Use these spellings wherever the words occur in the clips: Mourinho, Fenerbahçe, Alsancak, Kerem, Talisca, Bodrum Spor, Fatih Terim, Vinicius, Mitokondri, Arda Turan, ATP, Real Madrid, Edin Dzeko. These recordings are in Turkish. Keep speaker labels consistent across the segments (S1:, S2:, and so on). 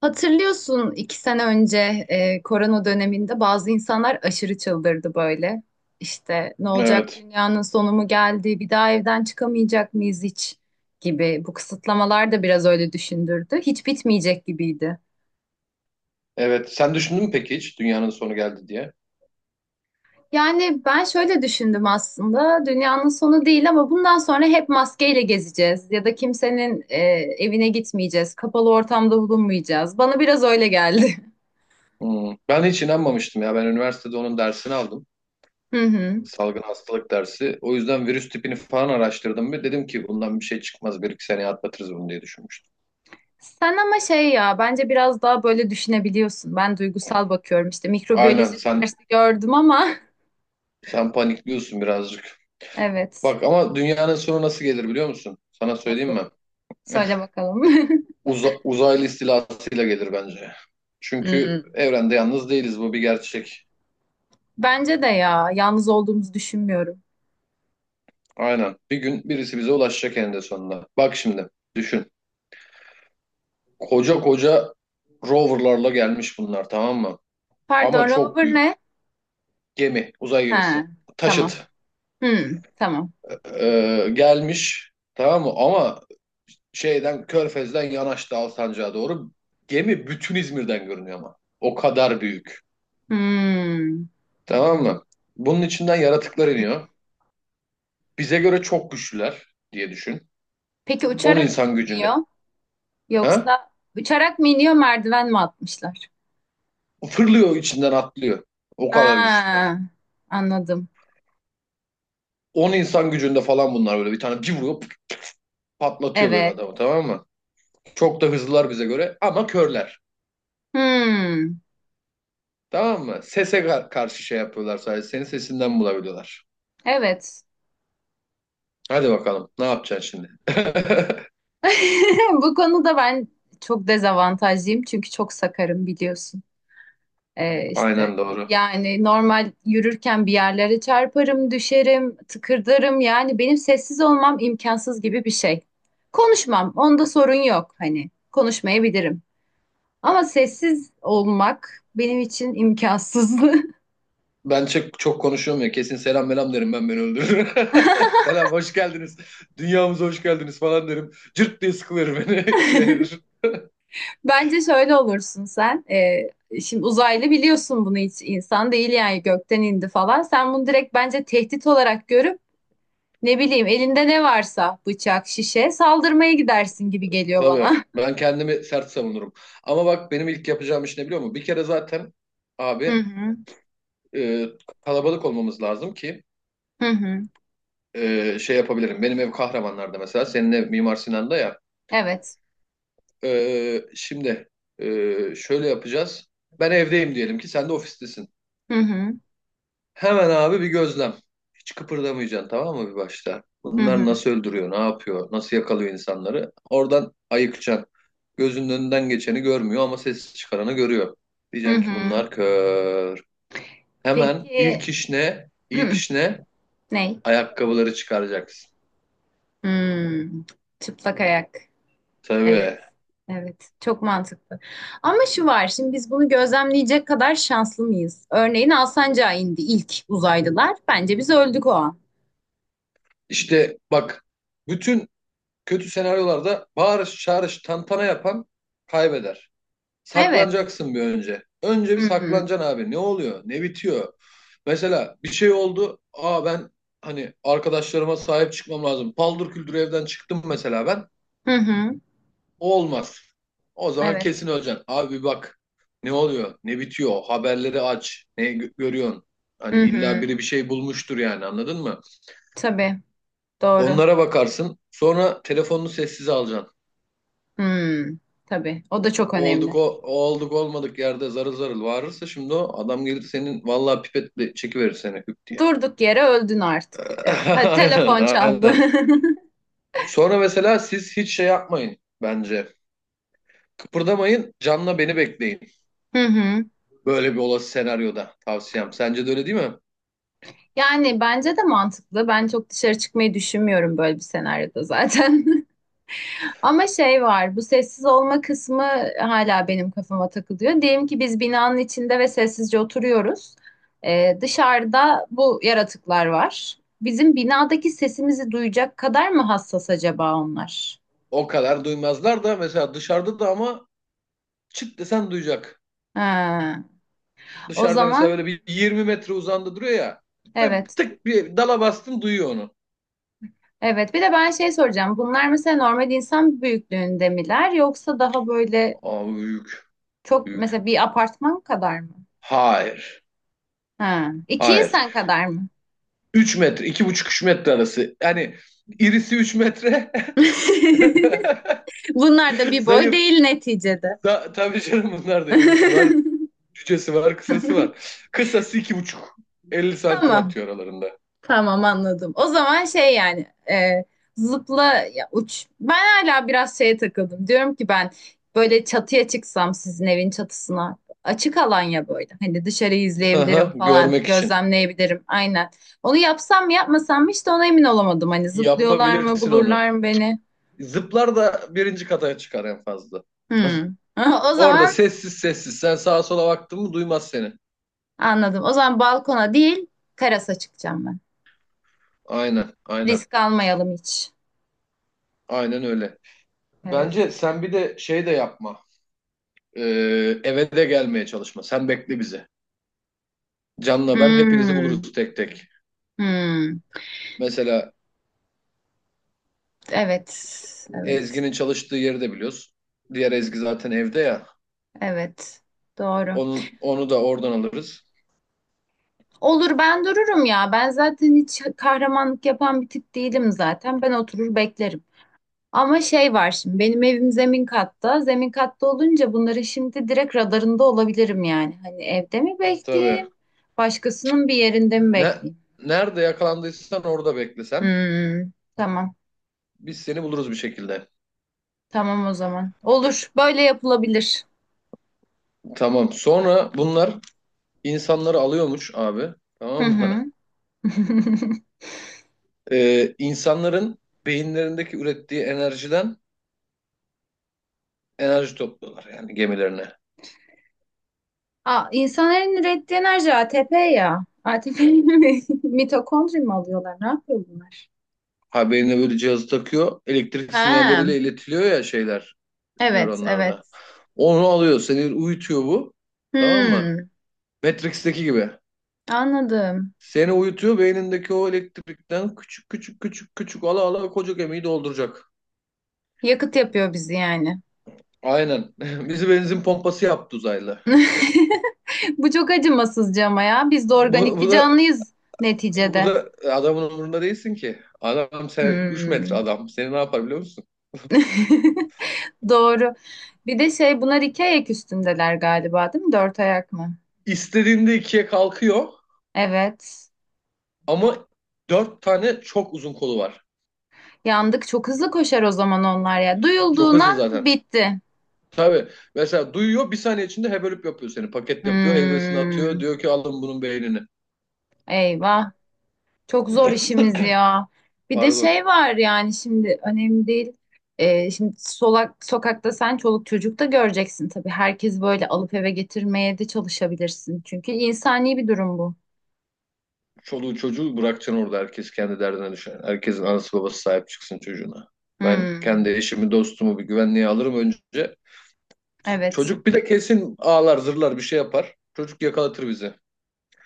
S1: Hatırlıyorsun iki sene önce korona döneminde bazı insanlar aşırı çıldırdı böyle. İşte ne olacak,
S2: Evet.
S1: dünyanın sonu mu geldi, bir daha evden çıkamayacak mıyız hiç gibi. Bu kısıtlamalar da biraz öyle düşündürdü. Hiç bitmeyecek gibiydi.
S2: Evet. Sen düşündün mü peki hiç dünyanın sonu geldi diye?
S1: Yani ben şöyle düşündüm, aslında dünyanın sonu değil ama bundan sonra hep maskeyle gezeceğiz ya da kimsenin evine gitmeyeceğiz, kapalı ortamda bulunmayacağız. Bana biraz öyle geldi.
S2: Hmm. Ben hiç inanmamıştım ya. Ben üniversitede onun dersini aldım.
S1: Hı hı.
S2: Salgın hastalık dersi. O yüzden virüs tipini falan araştırdım ve dedim ki bundan bir şey çıkmaz. Bir iki seneye atlatırız bunu diye düşünmüştüm.
S1: Sen ama şey ya, bence biraz daha böyle düşünebiliyorsun. Ben duygusal bakıyorum, işte
S2: Aynen,
S1: mikrobiyoloji
S2: sen
S1: dersi gördüm ama
S2: sen panikliyorsun birazcık.
S1: evet,
S2: Bak ama dünyanın sonu nasıl gelir biliyor musun? Sana söyleyeyim
S1: nasıl?
S2: mi?
S1: Söyle bakalım.
S2: Uzaylı istilasıyla gelir bence. Çünkü
S1: Hmm.
S2: evrende yalnız değiliz, bu bir gerçek.
S1: Bence de ya, yalnız olduğumuzu düşünmüyorum.
S2: Aynen. Bir gün birisi bize ulaşacak eninde sonunda. Bak şimdi düşün. Koca koca roverlarla gelmiş bunlar, tamam mı? Ama
S1: Pardon,
S2: çok
S1: rover
S2: büyük
S1: ne?
S2: gemi, uzay
S1: Ha,
S2: gemisi.
S1: tamam.
S2: Taşıt
S1: Hmm, tamam.
S2: gelmiş, tamam mı? Ama şeyden Körfez'den yanaştı Alsancak'a doğru. Gemi bütün İzmir'den görünüyor ama. O kadar büyük.
S1: Hmm.
S2: Tamam mı? Bunun içinden yaratıklar iniyor. Bize göre çok güçlüler diye düşün.
S1: Peki
S2: 10
S1: uçarak
S2: insan
S1: mı iniyor
S2: gücünde. Ha?
S1: yoksa uçarak mı iniyor, merdiven mi atmışlar?
S2: Fırlıyor, içinden atlıyor. O kadar
S1: Ha,
S2: güçlüler.
S1: anladım.
S2: 10 insan gücünde falan bunlar, böyle bir tane bir vuruyor pıt, patlatıyor böyle
S1: Evet.
S2: adamı, tamam mı? Çok da hızlılar bize göre ama körler.
S1: Hmm,
S2: Tamam mı? Sese karşı şey yapıyorlar sadece. Senin sesinden bulabiliyorlar.
S1: evet.
S2: Hadi bakalım. Ne yapacaksın şimdi?
S1: Bu konuda ben çok dezavantajlıyım çünkü çok sakarım, biliyorsun.
S2: Aynen
S1: İşte
S2: doğru.
S1: yani normal yürürken bir yerlere çarparım, düşerim, tıkırdarım. Yani benim sessiz olmam imkansız gibi bir şey. Konuşmam, onda sorun yok, hani konuşmayabilirim. Ama sessiz olmak benim için imkansız.
S2: Ben çok, çok konuşuyorum ya. Kesin selam melam derim, ben, beni öldürür. Selam, hoş geldiniz. Dünyamıza hoş geldiniz falan derim. Cırt diye sıkılır beni ikiye ayırır.
S1: Bence şöyle olursun sen. Şimdi uzaylı, biliyorsun bunu hiç insan değil yani, gökten indi falan. Sen bunu direkt bence tehdit olarak görüp ne bileyim, elinde ne varsa bıçak, şişe, saldırmaya gidersin gibi geliyor
S2: Tabii,
S1: bana.
S2: ben kendimi sert savunurum. Ama bak, benim ilk yapacağım iş ne biliyor musun? Bir kere zaten
S1: Hı
S2: abi
S1: hı,
S2: e, kalabalık olmamız lazım ki
S1: hı hı.
S2: şey yapabilirim. Benim ev Kahramanlar'da mesela. Senin ev Mimar Sinan'da ya.
S1: Evet.
S2: Şimdi şöyle yapacağız. Ben evdeyim diyelim ki, sen de ofistesin.
S1: Hı hı,
S2: Hemen abi bir gözlem. Hiç kıpırdamayacaksın, tamam mı, bir başta?
S1: hı
S2: Bunlar
S1: hı,
S2: nasıl öldürüyor, ne yapıyor, nasıl yakalıyor insanları? Oradan ayıkacaksın. Gözünün önünden geçeni görmüyor ama ses çıkaranı görüyor.
S1: hı
S2: Diyeceksin ki
S1: hı.
S2: bunlar kör. Hemen
S1: Peki,
S2: ilk iş ne? İlk
S1: hı,
S2: iş ne?
S1: ne?
S2: Ayakkabıları çıkaracaksın.
S1: Hmm, çıplak ayak. Evet,
S2: Tabii.
S1: evet. Çok mantıklı. Ama şu var, şimdi biz bunu gözlemleyecek kadar şanslı mıyız? Örneğin Alsancak'a indi ilk uzaylılar. Bence biz öldük o an.
S2: İşte bak, bütün kötü senaryolarda bağırış, çağırış, tantana yapan kaybeder.
S1: Evet.
S2: Saklanacaksın bir önce. Önce bir
S1: Hı hı,
S2: saklanacaksın abi. Ne oluyor? Ne bitiyor? Mesela bir şey oldu. Aa, ben hani arkadaşlarıma sahip çıkmam lazım. Paldır küldür evden çıktım mesela ben.
S1: hı hı.
S2: O olmaz. O zaman
S1: Evet.
S2: kesin öleceksin. Abi bak. Ne oluyor? Ne bitiyor? Haberleri aç. Ne görüyorsun? Hani
S1: Hı
S2: illa
S1: hı.
S2: biri bir şey bulmuştur yani, anladın mı?
S1: Tabii, doğru.
S2: Onlara bakarsın. Sonra telefonunu sessize alacaksın.
S1: Hmm, tabii. O da çok
S2: Olduk
S1: önemli.
S2: o olduk olmadık yerde zarıl zarıl bağırırsa şimdi, o adam gelir senin, vallahi pipetle çekiverir seni hüp diye.
S1: Durduk yere öldün artık. Evet. Hadi
S2: Aynen,
S1: telefon çaldı.
S2: aynen. Sonra mesela siz hiç şey yapmayın bence. Kıpırdamayın, canla beni bekleyin.
S1: Hı hı.
S2: Böyle bir olası senaryoda tavsiyem. Sence de öyle değil mi?
S1: Yani bence de mantıklı. Ben çok dışarı çıkmayı düşünmüyorum böyle bir senaryoda zaten. Ama şey var, bu sessiz olma kısmı hala benim kafama takılıyor. Diyelim ki biz binanın içinde ve sessizce oturuyoruz. Dışarıda bu yaratıklar var. Bizim binadaki sesimizi duyacak kadar mı hassas acaba onlar?
S2: O kadar duymazlar da, mesela dışarıda da ama çıt desen duyacak.
S1: Ha, o
S2: Dışarıda mesela
S1: zaman
S2: böyle bir 20 metre uzandı duruyor ya. Ve
S1: evet.
S2: tık, bir dala bastın, duyuyor onu.
S1: Evet, bir de ben şey soracağım. Bunlar mesela normal insan büyüklüğünde miler yoksa daha böyle
S2: Abi büyük
S1: çok, mesela
S2: büyük.
S1: bir apartman kadar mı?
S2: Hayır.
S1: Ha, iki
S2: Hayır.
S1: insan kadar mı?
S2: 3 metre, 2,5 3 metre arası. Yani irisi 3 metre.
S1: Bunlar da bir boy
S2: Zayıf.
S1: değil neticede.
S2: Da, tabii canım, bunlar da irisi var, cücesi var, kısası var. Kısası 2,5, 50 santim
S1: Tamam.
S2: atıyor aralarında.
S1: Tamam, anladım. O zaman şey yani zıpla ya, uç. Ben hala biraz şeye takıldım. Diyorum ki ben böyle çatıya çıksam, sizin evin çatısına, açık alan ya böyle. Hani dışarıyı izleyebilirim
S2: Aha,
S1: falan,
S2: görmek için.
S1: gözlemleyebilirim aynen. Onu yapsam mı yapmasam mı, işte ona emin olamadım. Hani zıplıyorlar mı,
S2: Yapabilirsin
S1: bulurlar
S2: onu.
S1: mı beni?
S2: Zıplar da birinci kata çıkar en fazla.
S1: Hmm. O
S2: Orada
S1: zaman
S2: sessiz sessiz. Sen sağa sola baktın mı duymaz seni.
S1: anladım. O zaman balkona değil, terasa çıkacağım ben.
S2: Aynen, aynen.
S1: Risk almayalım hiç.
S2: Aynen öyle.
S1: Evet.
S2: Bence sen bir de şey de yapma. Ee, eve de gelmeye çalışma. Sen bekle bizi. Can'la ben hepinizi
S1: Hmm.
S2: buluruz tek tek.
S1: Hmm.
S2: Mesela
S1: Evet, evet,
S2: Ezgi'nin çalıştığı yeri de biliyoruz. Diğer Ezgi zaten evde ya.
S1: evet. Doğru.
S2: Onu da oradan alırız.
S1: Olur, ben dururum ya. Ben zaten hiç kahramanlık yapan bir tip değilim zaten. Ben oturur beklerim. Ama şey var, şimdi benim evim zemin katta. Zemin katta olunca bunların şimdi direkt radarında olabilirim yani. Hani evde mi
S2: Tabii.
S1: bekleyeyim? Başkasının bir yerinde mi
S2: Ne,
S1: bekleyeyim?
S2: nerede yakalandıysan orada beklesen.
S1: Hmm, tamam.
S2: Biz seni buluruz bir şekilde.
S1: Tamam o zaman. Olur. Böyle yapılabilir.
S2: Tamam. Sonra bunlar insanları alıyormuş abi.
S1: Hı
S2: Tamam mı?
S1: hı.
S2: İnsanların beyinlerindeki ürettiği enerjiden enerji topluyorlar yani gemilerine.
S1: Aa, insanların ürettiği enerji ATP ya. ATP mi? Mitokondri mi alıyorlar? Ne yapıyor bunlar?
S2: Ha, beynine böyle cihazı takıyor. Elektrik
S1: Ha,
S2: sinyalleriyle iletiliyor ya şeyler.
S1: evet, evet.
S2: Nöronlarda. Onu alıyor, seni uyutuyor bu. Tamam mı?
S1: Hmm,
S2: Matrix'teki gibi.
S1: anladım.
S2: Seni uyutuyor, beynindeki o elektrikten küçük küçük küçük küçük ala ala koca gemiyi dolduracak.
S1: Yakıt yapıyor bizi yani.
S2: Aynen. Bizi benzin pompası yaptı uzaylı.
S1: Bu çok acımasızca ama ya. Biz de
S2: Bu,
S1: organik bir
S2: bu da
S1: canlıyız
S2: bu
S1: neticede.
S2: da adamın umurunda değilsin ki. Adam sen 3 metre
S1: Hmm.
S2: adam. Seni ne yapar biliyor musun?
S1: Doğru. Bir de şey, bunlar iki ayak üstündeler galiba değil mi? Dört ayak mı?
S2: İstediğinde ikiye kalkıyor
S1: Evet.
S2: ama dört tane çok uzun kolu var.
S1: Yandık. Çok hızlı koşar o zaman onlar ya.
S2: Çok hızlı
S1: Duyulduğundan
S2: zaten.
S1: bitti.
S2: Tabii. Mesela duyuyor, bir saniye içinde hevelip yapıyor seni. Paket yapıyor, heybesini atıyor.
S1: Hmm,
S2: Diyor ki alın bunun beynini.
S1: eyvah. Çok zor işimiz ya. Bir de
S2: Pardon.
S1: şey var yani, şimdi önemli değil. Şimdi solak, sokakta sen çoluk çocuk da göreceksin tabii. Herkes böyle alıp eve getirmeye de çalışabilirsin. Çünkü insani bir durum bu.
S2: Çoluğu çocuğu bırakacaksın orada. Herkes kendi derdine düşer. Herkesin anası babası sahip çıksın çocuğuna. Ben
S1: Hmm,
S2: kendi eşimi, dostumu bir güvenliğe alırım önce.
S1: evet,
S2: Çocuk bir de kesin ağlar, zırlar, bir şey yapar. Çocuk yakalatır bizi.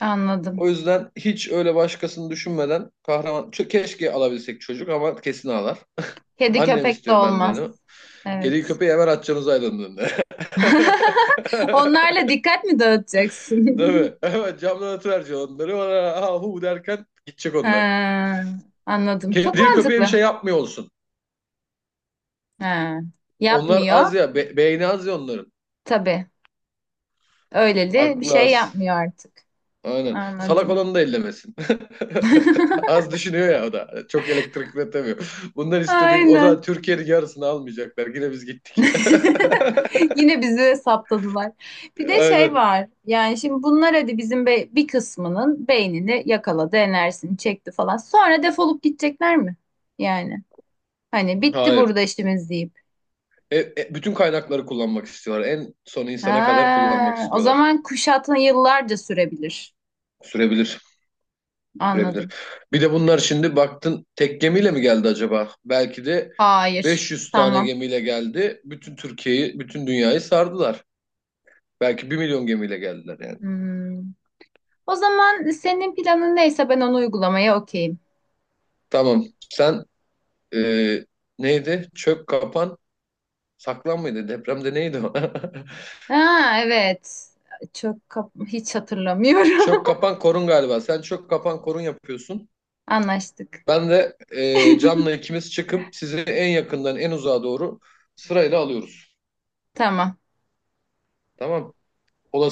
S1: anladım.
S2: O yüzden hiç öyle başkasını düşünmeden kahraman... Ç- Keşke alabilsek çocuk ama kesin ağlar.
S1: Kedi
S2: Annem
S1: köpek de
S2: istiyor benden o.
S1: olmaz.
S2: Kediyi
S1: Evet.
S2: köpeği hemen atacağımız aydınlığında.
S1: Onlarla dikkat mi dağıtacaksın?
S2: Tabii. Evet, camdan atıverecek onları. Ona ha hu derken gidecek
S1: Ha,
S2: onlar.
S1: anladım. Çok
S2: Kediye köpeğe bir
S1: mantıklı.
S2: şey yapmıyor olsun.
S1: Ha,
S2: Onlar
S1: yapmıyor.
S2: az ya. Beyni az ya onların.
S1: Tabii. Öyleli bir
S2: Aklı
S1: şey
S2: az.
S1: yapmıyor artık.
S2: Aynen. Salak
S1: Anladım.
S2: olanı da ellemesin. Az düşünüyor ya o da. Çok elektrik üretemiyor. Bunlar istediğim... O zaman
S1: Aynen.
S2: Türkiye'nin yarısını almayacaklar. Yine biz gittik.
S1: Yine bizi saptadılar. Bir de şey
S2: Aynen.
S1: var. Yani şimdi bunlar hadi bizim be- bir kısmının beynini yakaladı, enerjisini çekti falan. Sonra defolup gidecekler mi? Yani hani bitti
S2: Hayır.
S1: burada işimiz deyip.
S2: Bütün kaynakları kullanmak istiyorlar. En son insana kadar kullanmak
S1: Ha, o
S2: istiyorlar.
S1: zaman kuşatma yıllarca sürebilir.
S2: Sürebilir. Sürebilir.
S1: Anladım.
S2: Bir de bunlar şimdi baktın tek gemiyle mi geldi acaba? Belki de
S1: Hayır.
S2: 500 tane
S1: Tamam.
S2: gemiyle geldi. Bütün Türkiye'yi, bütün dünyayı sardılar. Belki 1 milyon gemiyle geldiler yani.
S1: Hmm. O zaman senin planın neyse ben onu uygulamaya okeyim.
S2: Tamam. Sen e, neydi? Çök kapan saklan mıydı? Depremde neydi o?
S1: Ha evet. Çok kap- hiç hatırlamıyorum.
S2: Çök kapan korun galiba. Sen çök kapan korun yapıyorsun.
S1: Anlaştık.
S2: Ben de Can'la ikimiz çıkıp sizi en yakından en uzağa doğru sırayla alıyoruz.
S1: Tamam.
S2: Tamam. Olası